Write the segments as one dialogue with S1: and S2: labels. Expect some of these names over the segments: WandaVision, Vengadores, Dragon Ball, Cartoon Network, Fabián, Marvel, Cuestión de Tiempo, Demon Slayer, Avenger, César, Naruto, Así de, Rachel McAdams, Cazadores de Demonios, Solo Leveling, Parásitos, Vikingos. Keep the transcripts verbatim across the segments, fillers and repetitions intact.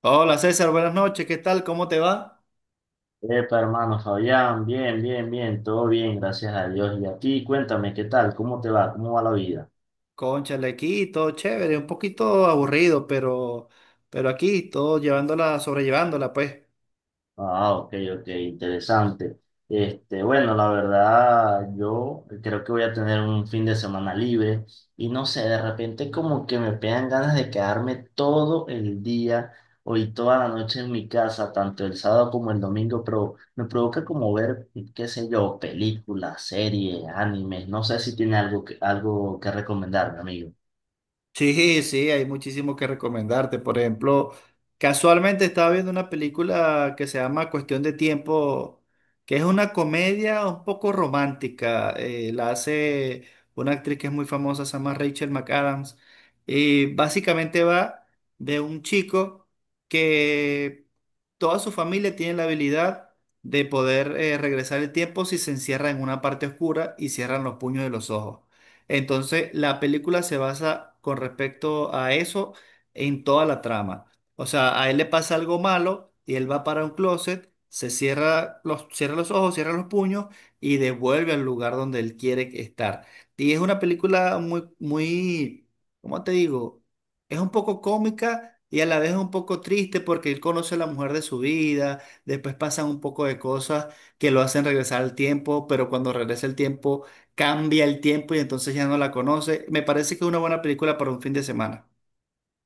S1: Hola César, buenas noches, ¿qué tal? ¿Cómo te va?
S2: Epa, hermano Fabián, bien, bien, bien, todo bien, gracias a Dios. Y a ti, cuéntame, ¿qué tal? ¿Cómo te va? ¿Cómo va la vida?
S1: Cónchale, aquí todo chévere, un poquito aburrido, pero, pero aquí todo llevándola, sobrellevándola, pues.
S2: Ah, ok, ok, interesante. Este, bueno, la verdad, yo creo que voy a tener un fin de semana libre y no sé, de repente como que me pegan ganas de quedarme todo el día hoy toda la noche en mi casa, tanto el sábado como el domingo, pero me provoca como ver, qué sé yo, películas, series, animes, no sé si tiene algo que, algo que recomendarme, amigo.
S1: Sí, sí, hay muchísimo que recomendarte. Por ejemplo, casualmente estaba viendo una película que se llama Cuestión de Tiempo, que es una comedia un poco romántica. Eh, la hace una actriz que es muy famosa, se llama Rachel McAdams. Y básicamente va de un chico que toda su familia tiene la habilidad de poder eh, regresar el tiempo si se encierra en una parte oscura y cierran los puños de los ojos. Entonces, la película se basa con respecto a eso en toda la trama. O sea, a él le pasa algo malo y él va para un closet, se cierra los, cierra los ojos, cierra los puños y devuelve al lugar donde él quiere estar. Y es una película muy, muy, ¿cómo te digo? Es un poco cómica. Y a la vez es un poco triste porque él conoce a la mujer de su vida, después pasan un poco de cosas que lo hacen regresar al tiempo, pero cuando regresa el tiempo cambia el tiempo y entonces ya no la conoce. Me parece que es una buena película para un fin de semana.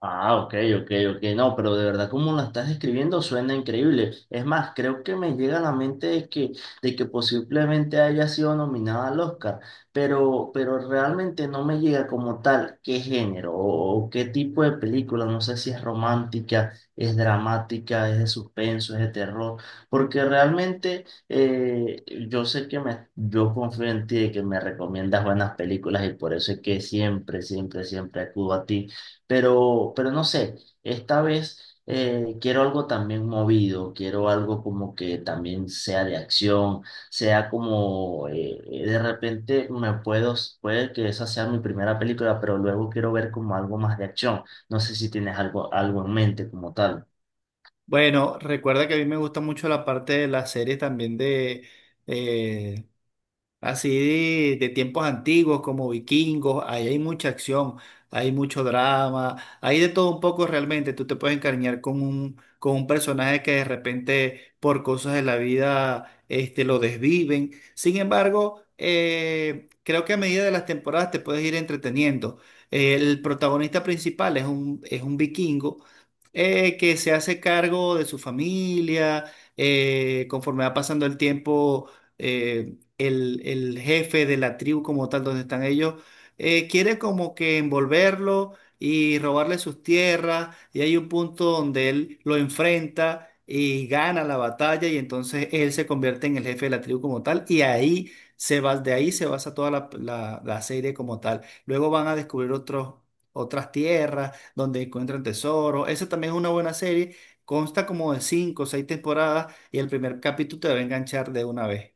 S2: Ah, ok, ok, ok. No, pero de verdad como la estás describiendo suena increíble. Es más, creo que me llega a la mente de que, de que posiblemente haya sido nominada al Oscar, pero, pero realmente no me llega como tal qué género o, o qué tipo de película. No sé si es romántica, es dramática, es de suspenso, es de terror, porque realmente eh, yo sé que me, yo confío en ti de que me recomiendas buenas películas y por eso es que siempre, siempre, siempre acudo a ti pero, pero no sé, esta vez eh, quiero algo también movido, quiero algo como que también sea de acción, sea como eh, eh, de repente me puedo, puede que esa sea mi primera película, pero luego quiero ver como algo más de acción. No sé si tienes algo, algo en mente como tal.
S1: Bueno, recuerda que a mí me gusta mucho la parte de las series también de, eh, así de, de tiempos antiguos como vikingos, ahí hay mucha acción, hay mucho drama, hay de todo un poco realmente. Tú te puedes encariñar con un, con un personaje que de repente por cosas de la vida este, lo desviven. Sin embargo, eh, creo que a medida de las temporadas te puedes ir entreteniendo. El protagonista principal es un, es un vikingo eh, que se hace cargo de su familia, eh, conforme va pasando el tiempo eh, el, el jefe de la tribu como tal, donde están ellos, eh, quiere como que envolverlo y robarle sus tierras, y hay un punto donde él lo enfrenta y gana la batalla, y entonces él se convierte en el jefe de la tribu como tal, y ahí se va, de ahí se basa toda la, la- la serie como tal. Luego van a descubrir otros, otras tierras donde encuentran tesoros. Esa también es una buena serie. Consta como de cinco o seis temporadas y el primer capítulo te va a enganchar de una vez.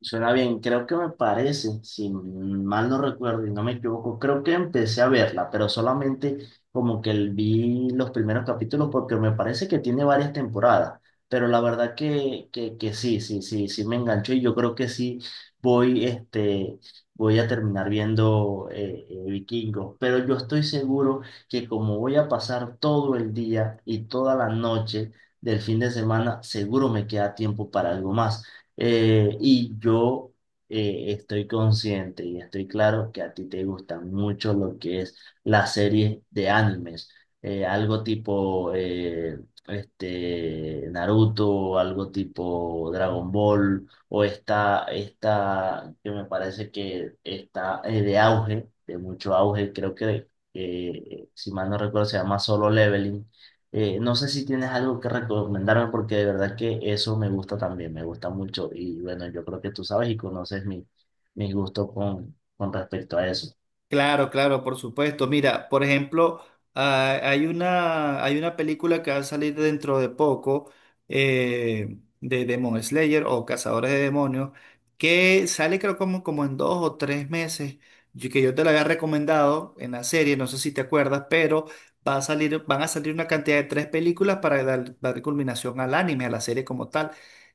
S2: Suena bien, creo que me parece, si mal no recuerdo y no me equivoco, creo que empecé a verla, pero solamente como que el- vi los primeros capítulos porque me parece que tiene varias temporadas, pero la verdad que, que, que sí, sí, sí, sí me enganchó y yo creo que sí voy, este, voy a terminar viendo eh, eh, Vikingos, pero yo estoy seguro que como voy a pasar todo el día y toda la noche del fin de semana, seguro me queda tiempo para algo más. Eh, y yo eh, estoy consciente y estoy claro que a ti te gusta mucho lo que es la serie de animes. Eh, algo tipo eh, este, Naruto, algo tipo Dragon Ball, o esta, esta que me parece que está eh, de auge, de mucho auge, creo que eh, si mal no recuerdo se llama Solo Leveling. Eh, no sé si tienes algo que recomendarme porque de verdad que eso me gusta también, me gusta mucho y bueno, yo creo que tú sabes y conoces mi, mi gusto con, con respecto a eso.
S1: Claro, claro, por supuesto. Mira, por ejemplo, ah, hay una, hay una película que va a salir dentro de poco eh, de Demon Slayer o Cazadores de Demonios, que sale creo como, como en dos o tres meses, yo- que yo te la había recomendado en la serie, no sé si te acuerdas, pero va a salir, van a salir una cantidad de tres películas para dar, dar culminación al anime, a la serie como tal.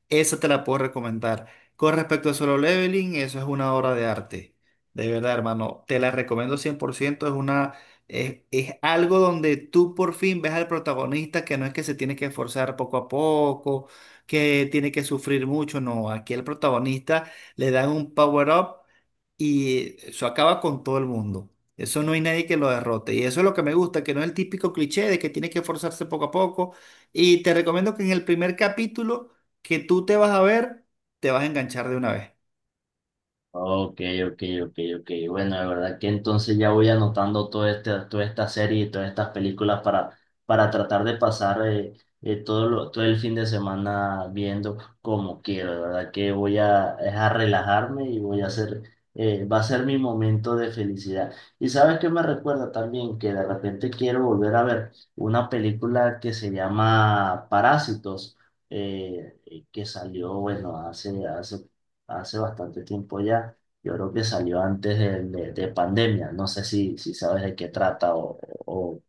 S1: Esa te la puedo recomendar. Con respecto a Solo Leveling, eso es una obra de arte. De verdad, hermano, te la recomiendo cien por ciento. Es una, es, es algo donde tú por fin ves al protagonista que no es que se tiene que esforzar poco a poco, que tiene que sufrir mucho. No, aquí el protagonista le dan un power up y eso acaba con todo el mundo. Eso no hay nadie que lo derrote. Y eso es lo que me gusta, que no es el típico cliché de que tiene que esforzarse poco a poco. Y te recomiendo que en el primer capítulo que tú te vas a ver, te vas a enganchar de una vez.
S2: Ok, ok, ok, ok. Bueno, de verdad que entonces ya voy anotando todo este, toda esta serie y todas estas películas para, para tratar de pasar eh, eh, todo, lo- todo el fin de semana viendo como quiero. De verdad que voy a, es a relajarme y voy a hacer, eh, va a ser mi momento de felicidad. Y sabes que me recuerda también que de repente quiero volver a ver una película que se llama Parásitos. Eh, eh, que salió, bueno, hace, hace hace bastante tiempo ya. Yo creo que salió antes de, de- de pandemia. No sé si, si sabes de qué trata o, o,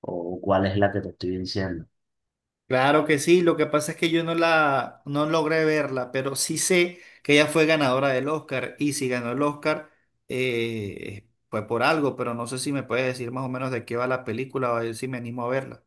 S2: o cuál es la que te estoy diciendo.
S1: Claro que sí, lo que pasa es que yo no la no logré verla, pero sí sé que ella fue ganadora del Oscar y si ganó el Oscar eh, fue por algo, pero no sé si me puedes decir más o menos de qué va la película o a ver si me animo a verla.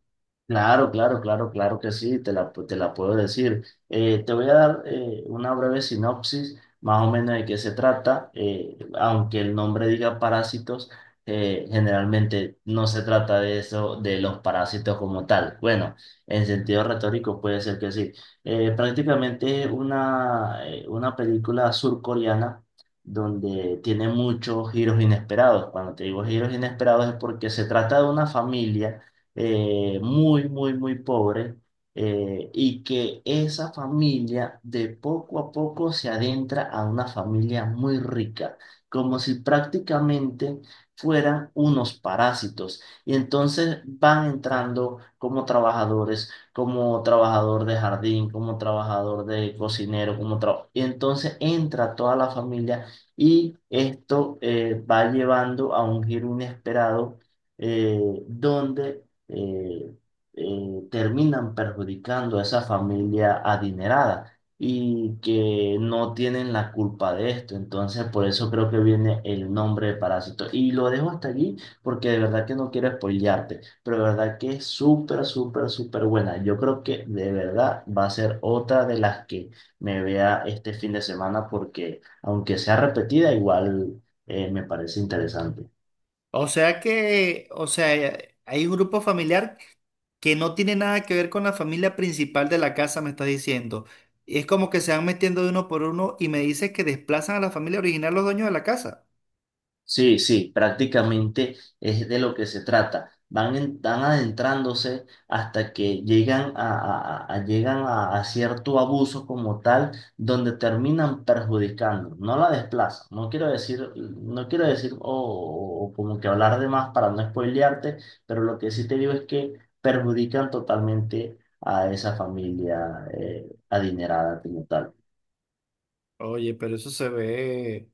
S2: Claro, claro, claro, claro que sí, te la, pu- te la puedo decir. Eh, te voy a dar eh, una breve sinopsis, más o menos de qué se trata. Eh, aunque el nombre diga parásitos, eh, generalmente no se trata de eso, de los parásitos como tal. Bueno, en sentido retórico puede ser que sí. Eh, prácticamente es una, eh, una película surcoreana donde tiene muchos giros inesperados. Cuando te digo giros inesperados es porque se trata de una familia eh, muy, muy, muy pobre, eh, y que esa familia de poco a poco se adentra a una familia muy rica, como si prácticamente fueran unos parásitos. Y entonces van entrando como trabajadores, como trabajador de jardín, como trabajador de cocinero, como tra- y entonces entra toda la familia y esto eh, va llevando a un giro inesperado eh, donde eh, eh, terminan perjudicando a esa familia adinerada y que no tienen la culpa de esto. Entonces, por eso creo que viene el nombre de Parásito. Y lo dejo hasta allí porque de verdad que no quiero spoilearte, pero de verdad que es súper, súper, súper buena. Yo creo que de verdad va a ser otra de las que me vea este fin de semana porque aunque sea repetida, igual eh, me parece interesante.
S1: O sea que, o sea, eh, hay un grupo familiar que no tiene nada que ver con la familia principal de la casa, me estás diciendo. Y es como que se van metiendo de uno por uno y me dices que desplazan a la familia original los dueños de la casa.
S2: Sí, sí, prácticamente es de lo que se trata. Van, en- van adentrándose hasta que llegan a, a- a- a- llegan a, a cierto abuso como tal, donde terminan perjudicando, no la desplazan. No quiero decir, no quiero decir o, o- o como que hablar de más para no spoilearte, pero lo que sí te digo es que perjudican totalmente a esa familia eh, adinerada como tal.
S1: Oye, pero eso se ve.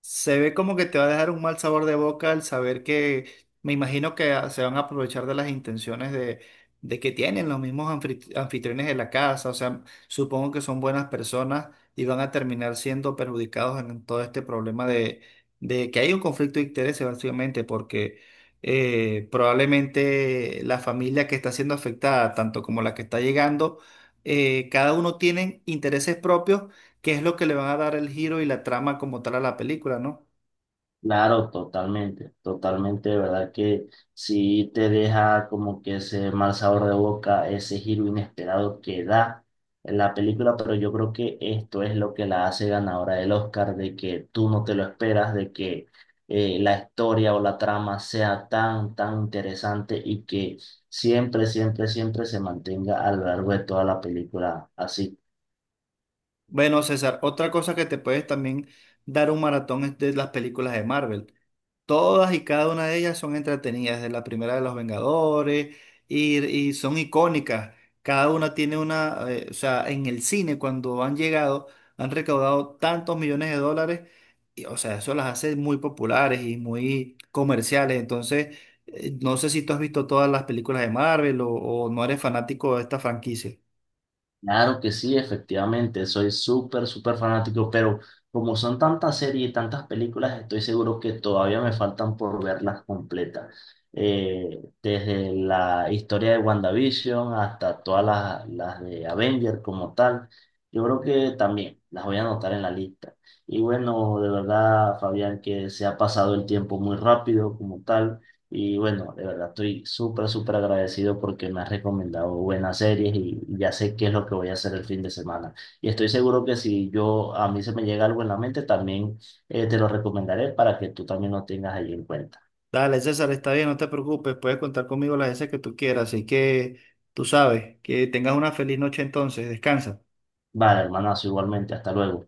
S1: Se ve como que te va a dejar un mal sabor de boca al saber que me imagino que ah, se van a aprovechar de las intenciones de, de que tienen los mismos anfitri- anfitriones de la casa. O sea, supongo que son buenas personas y van a terminar siendo perjudicados en todo este problema de, de que hay un conflicto de intereses básicamente porque eh, probablemente la familia que está siendo afectada, tanto como la que está llegando, eh, cada uno tiene intereses propios que es lo que le van a dar el giro y la trama como tal a la película, ¿no?
S2: Claro, totalmente, totalmente, de verdad que sí te deja como que ese mal sabor de boca, ese giro inesperado que da en la película, pero yo creo que esto es lo que la hace ganadora del Oscar, de que tú no te lo esperas, de que eh, la historia o la trama sea tan, tan interesante y que siempre, siempre, siempre se mantenga a lo largo de toda la película así.
S1: Bueno, César, otra cosa que te puedes también dar un maratón es de las películas de Marvel. Todas y cada una de ellas son entretenidas, desde la primera de los Vengadores, y, y son icónicas. Cada una tiene una, eh, o sea, en el cine cuando han llegado, han recaudado tantos millones de dólares, y, o sea, eso las hace muy populares y muy comerciales. Entonces, eh, no sé si tú has visto todas las películas de Marvel o, o no eres fanático de esta franquicia.
S2: Claro que sí, efectivamente, soy súper, súper fanático, pero como son tantas series y tantas películas, estoy seguro que todavía me faltan por verlas completas. Eh, desde la historia de WandaVision hasta todas las, las de Avenger como tal, yo creo que también las voy a anotar en la lista. Y bueno, de verdad, Fabián, que se ha pasado el tiempo muy rápido como tal. Y bueno, de verdad estoy súper, súper agradecido porque me has recomendado buenas series y ya sé qué es lo que voy a hacer el fin de semana. Y estoy seguro que si yo a mí se me llega algo en la mente, también eh, te lo recomendaré para que tú también lo tengas ahí en cuenta.
S1: Dale, César, está bien, no te preocupes, puedes contar conmigo las veces que tú quieras, así que tú sabes, que tengas una feliz noche entonces, descansa.
S2: Vale, hermanazo, igualmente, hasta luego.